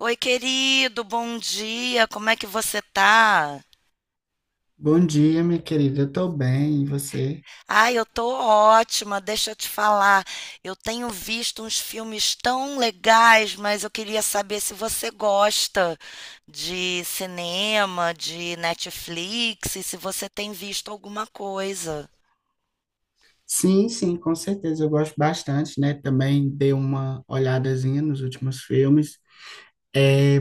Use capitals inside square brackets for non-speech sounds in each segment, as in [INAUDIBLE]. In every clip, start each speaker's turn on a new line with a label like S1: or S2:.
S1: Oi, querido, bom dia. Como é que você tá?
S2: Bom dia, minha querida. Eu tô bem, e você?
S1: Ai, eu tô ótima. Deixa eu te falar. Eu tenho visto uns filmes tão legais, mas eu queria saber se você gosta de cinema, de Netflix, e se você tem visto alguma coisa.
S2: Sim, sim, com certeza. Eu gosto bastante, né? Também dei uma olhadazinha nos últimos filmes. É,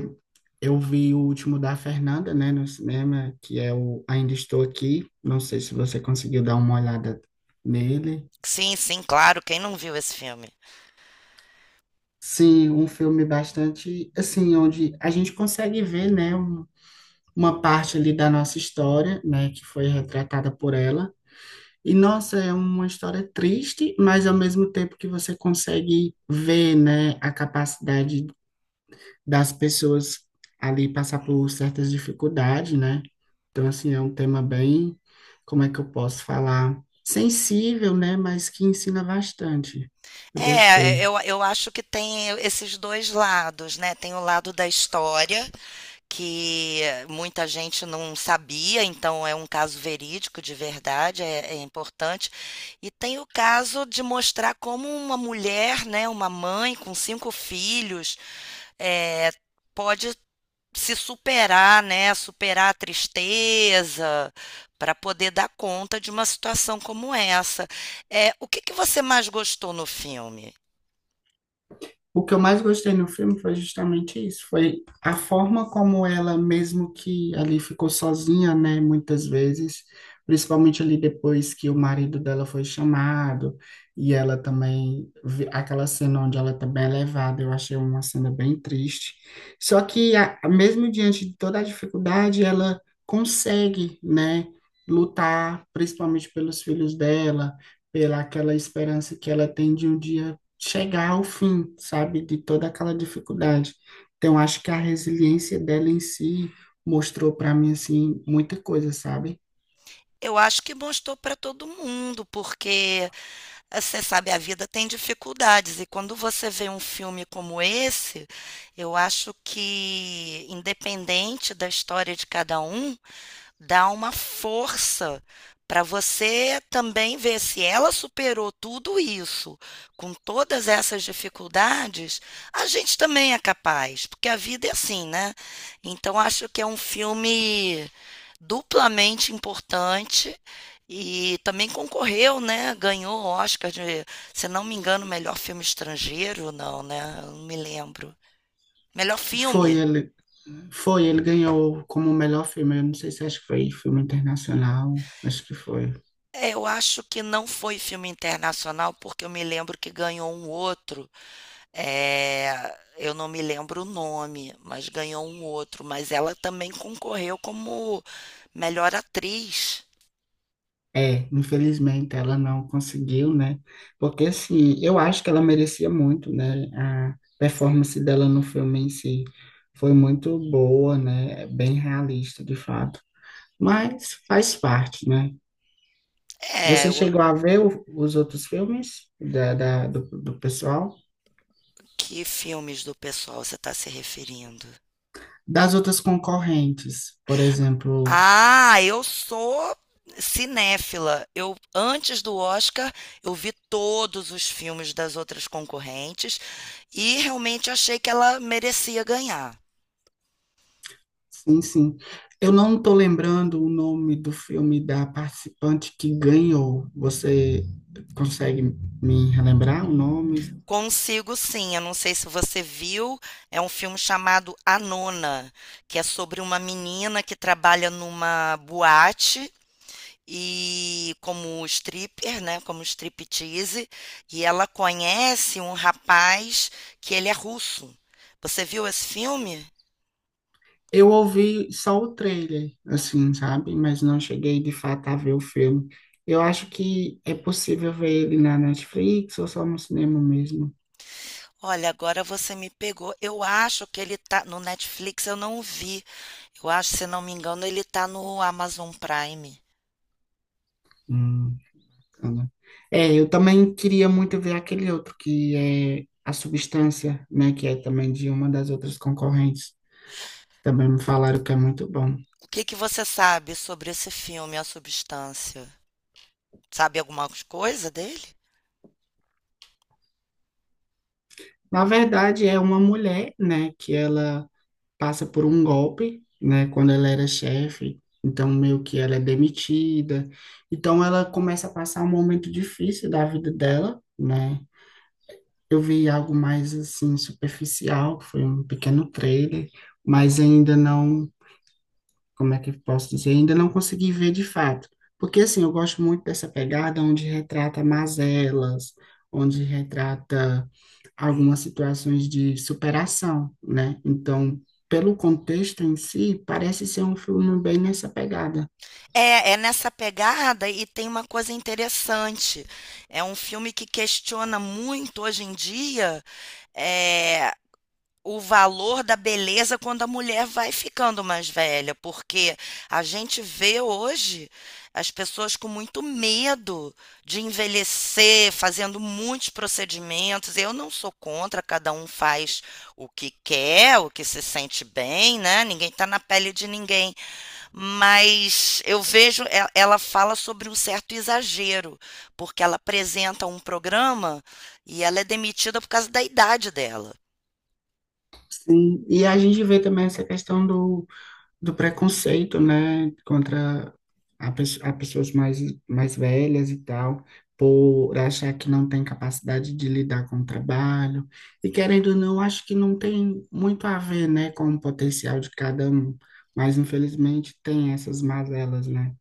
S2: eu vi o último da Fernanda, né, no cinema, que é o Ainda Estou Aqui. Não sei se você conseguiu dar uma olhada nele.
S1: Sim, sim, claro. Quem não viu esse filme?
S2: Sim, um filme bastante, assim, onde a gente consegue ver, né, uma parte ali da nossa história, né, que foi retratada por ela. E, nossa, é uma história triste, mas ao mesmo tempo que você consegue ver, né, a capacidade das pessoas ali passar por certas dificuldades, né? Então, assim, é um tema bem, como é que eu posso falar? Sensível, né? Mas que ensina bastante. Eu
S1: É,
S2: gostei.
S1: eu acho que tem esses dois lados, né? Tem o lado da história que muita gente não sabia, então é um caso verídico de verdade, é importante. E tem o caso de mostrar como uma mulher, né, uma mãe com 5 filhos, eh, pode se superar, né, superar a tristeza para poder dar conta de uma situação como essa. É o que que você mais gostou no filme?
S2: O que eu mais gostei no filme foi justamente isso, foi a forma como ela, mesmo que ali ficou sozinha, né, muitas vezes, principalmente ali depois que o marido dela foi chamado, e ela também, aquela cena onde ela também é levada, eu achei uma cena bem triste. Só que, mesmo diante de toda a dificuldade, ela consegue, né, lutar, principalmente pelos filhos dela, pela aquela esperança que ela tem de um dia chegar ao fim, sabe, de toda aquela dificuldade. Então, acho que a resiliência dela em si mostrou para mim assim muita coisa, sabe?
S1: Eu acho que mostrou para todo mundo, porque, você sabe, a vida tem dificuldades e quando você vê um filme como esse, eu acho que, independente da história de cada um, dá uma força para você também ver se ela superou tudo isso, com todas essas dificuldades, a gente também é capaz, porque a vida é assim, né. Então acho que é um filme duplamente importante e também concorreu, né? Ganhou o Oscar de, se não me engano, melhor filme estrangeiro, não, né? Eu não me lembro. Melhor
S2: Foi
S1: filme.
S2: ele, foi ele ganhou como o melhor filme. Eu não sei se acho que foi filme internacional, acho que foi.
S1: É, eu acho que não foi filme internacional, porque eu me lembro que ganhou um outro. É, eu não me lembro o nome, mas ganhou um outro. Mas ela também concorreu como melhor atriz.
S2: É, infelizmente ela não conseguiu, né? Porque assim, eu acho que ela merecia muito, né? A performance dela no filme em si foi muito boa, né? É bem realista, de fato. Mas faz parte, né?
S1: É,
S2: Você
S1: eu-
S2: chegou a ver os outros filmes do pessoal?
S1: que filmes do pessoal você está se referindo?
S2: Das outras concorrentes, por exemplo.
S1: Ah, eu sou cinéfila. Eu antes do Oscar, eu vi todos os filmes das outras concorrentes e realmente achei que ela merecia ganhar.
S2: Sim, sim. Eu não estou lembrando o nome do filme da participante que ganhou. Você consegue me relembrar o nome?
S1: Consigo sim, eu não sei se você viu, é um filme chamado A Nona, que é sobre uma menina que trabalha numa boate e como stripper, né, como striptease, e ela conhece um rapaz que ele é russo. Você viu esse filme?
S2: Eu ouvi só o trailer, assim, sabe? Mas não cheguei de fato a ver o filme. Eu acho que é possível ver ele na Netflix ou só no cinema mesmo.
S1: Olha, agora você me pegou. Eu acho que ele tá no Netflix, eu não vi. Eu acho, se não me engano, ele tá no Amazon Prime.
S2: Hum. Bacana. É, eu também queria muito ver aquele outro que é A Substância, né, que é também de uma das outras concorrentes. Também me falaram que é muito bom.
S1: O que que você sabe sobre esse filme, A Substância? Sabe alguma coisa dele?
S2: Na verdade, é uma mulher, né, que ela passa por um golpe, né, quando ela era chefe, então meio que ela é demitida. Então ela começa a passar um momento difícil da vida dela, né? Eu vi algo mais assim superficial, que foi um pequeno trailer, mas ainda não, como é que eu posso dizer? Ainda não consegui ver de fato. Porque, assim, eu gosto muito dessa pegada onde retrata mazelas, onde retrata algumas situações de superação, né? Então, pelo contexto em si, parece ser um filme bem nessa pegada.
S1: É, é nessa pegada e tem uma coisa interessante. É um filme que questiona muito hoje em dia é, o valor da beleza quando a mulher vai ficando mais velha, porque a gente vê hoje as pessoas com muito medo de envelhecer, fazendo muitos procedimentos. Eu não sou contra, cada um faz o que quer, o que se sente bem, né? Ninguém está na pele de ninguém, mas eu vejo ela fala sobre um certo exagero, porque ela apresenta um programa e ela é demitida por causa da idade dela.
S2: Sim, e a gente vê também essa questão do preconceito, né, contra a pessoas mais, mais velhas e tal, por achar que não tem capacidade de lidar com o trabalho. E querendo ou não, acho que não tem muito a ver, né, com o potencial de cada um, mas infelizmente tem essas mazelas, né?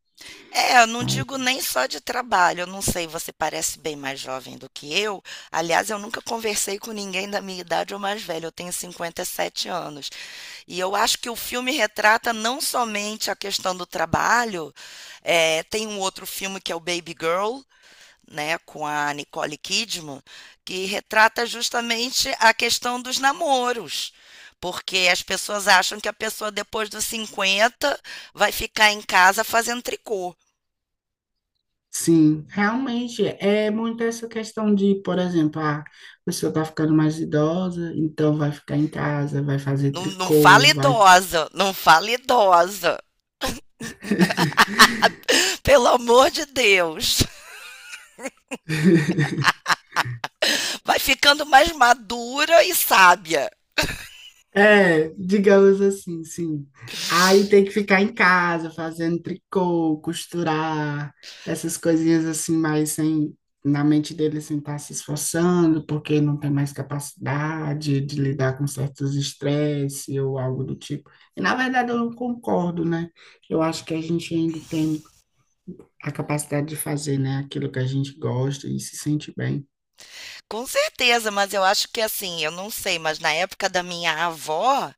S1: É, eu não digo nem só de trabalho, eu não sei, você parece bem mais jovem do que eu. Aliás, eu nunca conversei com ninguém da minha idade ou mais velho, eu tenho 57 anos. E eu acho que o filme retrata não somente a questão do trabalho, é, tem um outro filme que é o Baby Girl, né, com a Nicole Kidman, que retrata justamente a questão dos namoros. Porque as pessoas acham que a pessoa depois dos 50 vai ficar em casa fazendo tricô.
S2: Sim, realmente é muito essa questão de, por exemplo, ah, a pessoa tá ficando mais idosa, então vai ficar em casa, vai fazer
S1: Não, não fala
S2: tricô, vai...
S1: idosa, não fala idosa. Pelo amor de Deus.
S2: [LAUGHS]
S1: Vai ficando mais madura e sábia.
S2: É, digamos assim, sim. Aí tem que ficar em casa fazendo tricô, costurar, essas coisinhas assim, mas sem, na mente dele sem estar se esforçando, porque não tem mais capacidade de lidar com certos estresse ou algo do tipo. E na verdade eu não concordo, né? Eu acho que a gente ainda tem a capacidade de fazer, né, aquilo que a gente gosta e se sente bem.
S1: Com certeza, mas eu acho que assim, eu não sei, mas na época da minha avó,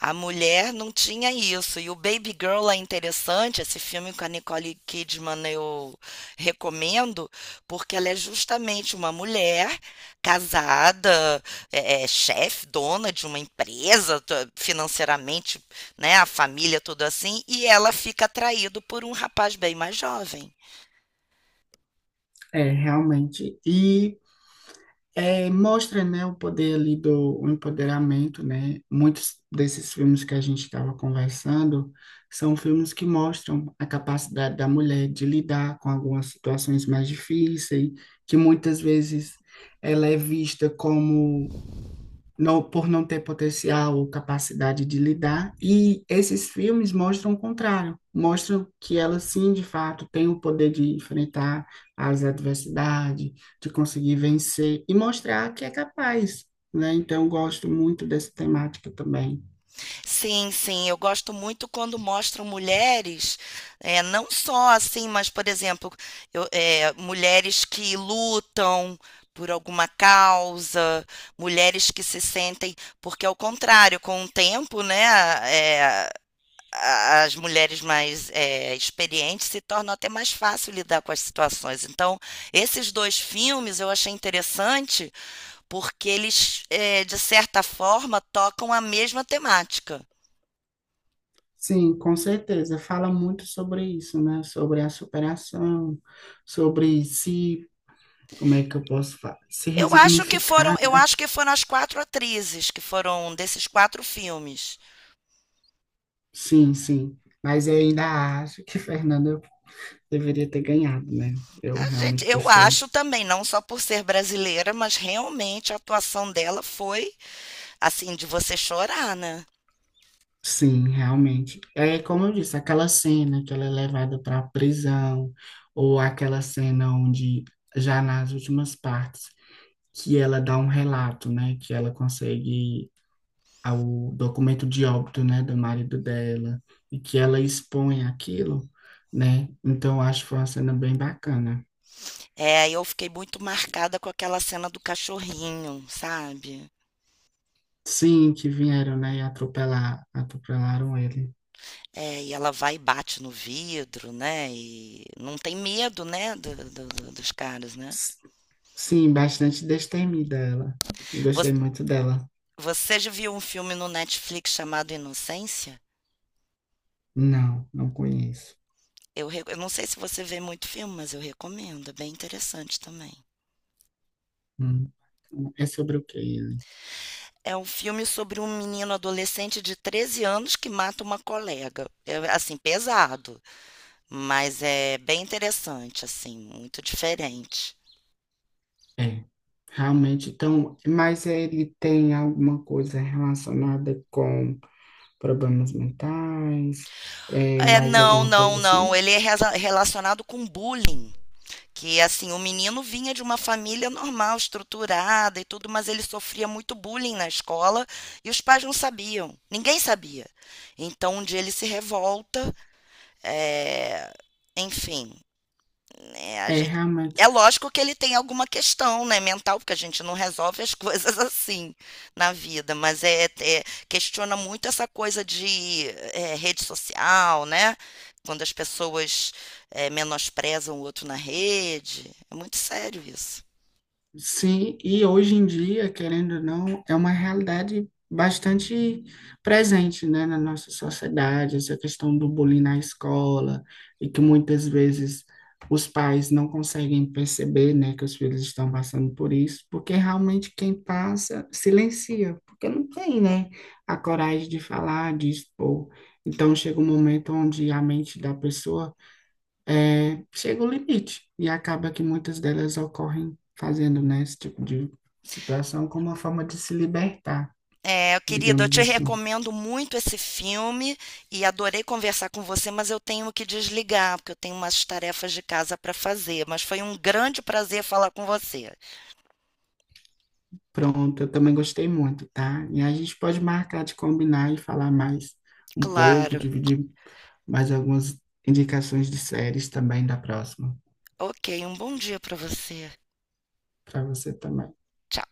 S1: a mulher não tinha isso. E o Baby Girl é interessante, esse filme com a Nicole Kidman eu recomendo, porque ela é justamente uma mulher casada, chefe, dona de uma empresa, financeiramente, né, a família, tudo assim, e ela fica atraída por um rapaz bem mais jovem.
S2: É, realmente. É, mostra, né, o poder ali do o empoderamento, né? Muitos desses filmes que a gente estava conversando são filmes que mostram a capacidade da mulher de lidar com algumas situações mais difíceis, que muitas vezes ela é vista como não, por não ter potencial ou capacidade de lidar. E esses filmes mostram o contrário, mostram que ela sim, de fato, tem o poder de enfrentar as adversidades, de conseguir vencer e mostrar que é capaz, né? Então, eu gosto muito dessa temática também.
S1: Sim, sim, eu gosto muito quando mostram mulheres, é, não só assim, mas, por exemplo, mulheres que lutam por alguma causa, mulheres que se sentem, porque ao contrário, com o tempo, né, é, as mulheres mais é, experientes se tornam até mais fácil lidar com as situações. Então, esses dois filmes eu achei interessante porque eles, é, de certa forma, tocam a mesma temática.
S2: Sim, com certeza. Fala muito sobre isso, né? Sobre a superação, sobre se, como é que eu posso falar? Se resignificar.
S1: Eu acho que foram as quatro atrizes que foram desses quatro filmes.
S2: Sim, sim. Mas eu ainda acho que [LAUGHS] Fernanda deveria ter ganhado, né? Eu
S1: A gente,
S2: realmente
S1: eu
S2: gostei.
S1: acho também, não só por ser brasileira, mas realmente a atuação dela foi assim de você chorar, né?
S2: Sim, realmente. É como eu disse, aquela cena que ela é levada para a prisão, ou aquela cena onde, já nas últimas partes, que ela dá um relato, né? Que ela consegue o documento de óbito, né, do marido dela, e que ela expõe aquilo, né? Então, eu acho que foi uma cena bem bacana.
S1: É, eu fiquei muito marcada com aquela cena do cachorrinho, sabe?
S2: Sim, que vieram, né, e atropelaram ele.
S1: É, e ela vai e bate no vidro, né? E não tem medo, né, dos caras, né?
S2: Sim, bastante destemida ela. Eu gostei
S1: Você,
S2: muito dela.
S1: você já viu um filme no Netflix chamado Inocência?
S2: Não, não conheço.
S1: Eu não sei se você vê muito filme, mas eu recomendo, é bem interessante também.
S2: Hum, É sobre o que ele?
S1: É um filme sobre um menino adolescente de 13 anos que mata uma colega. É, assim, pesado, mas é bem interessante, assim, muito diferente.
S2: É, realmente. Então, mas ele tem alguma coisa relacionada com problemas mentais? É
S1: É,
S2: mais alguma coisa
S1: não.
S2: assim?
S1: Ele é relacionado com bullying. Que, assim, o menino vinha de uma família normal, estruturada e tudo, mas ele sofria muito bullying na escola e os pais não sabiam. Ninguém sabia. Então, um dia ele se revolta. Eh, enfim, né, a
S2: É
S1: gente
S2: realmente.
S1: é lógico que ele tem alguma questão, né, mental, porque a gente não resolve as [LAUGHS] coisas assim na vida, mas é questiona muito essa coisa de, rede social, né, quando as pessoas, menosprezam o outro na rede, é muito sério isso.
S2: Sim, e hoje em dia, querendo ou não, é uma realidade bastante presente, né, na nossa sociedade, essa questão do bullying na escola, e que muitas vezes os pais não conseguem perceber, né, que os filhos estão passando por isso, porque realmente quem passa silencia, porque não tem, né, a coragem de falar, de expor. Então chega um momento onde a mente da pessoa é, chega o limite. E acaba que muitas delas ocorrem fazendo, né, esse tipo de situação como uma forma de se libertar,
S1: É, querido, eu
S2: digamos
S1: te
S2: assim.
S1: recomendo muito esse filme e adorei conversar com você, mas eu tenho que desligar, porque eu tenho umas tarefas de casa para fazer. Mas foi um grande prazer falar com você.
S2: Pronto, eu também gostei muito, tá? E a gente pode marcar de combinar e falar mais um pouco,
S1: Claro.
S2: dividir mais algumas indicações de séries também da próxima,
S1: Ok, um bom dia para você.
S2: para você também.
S1: Tchau.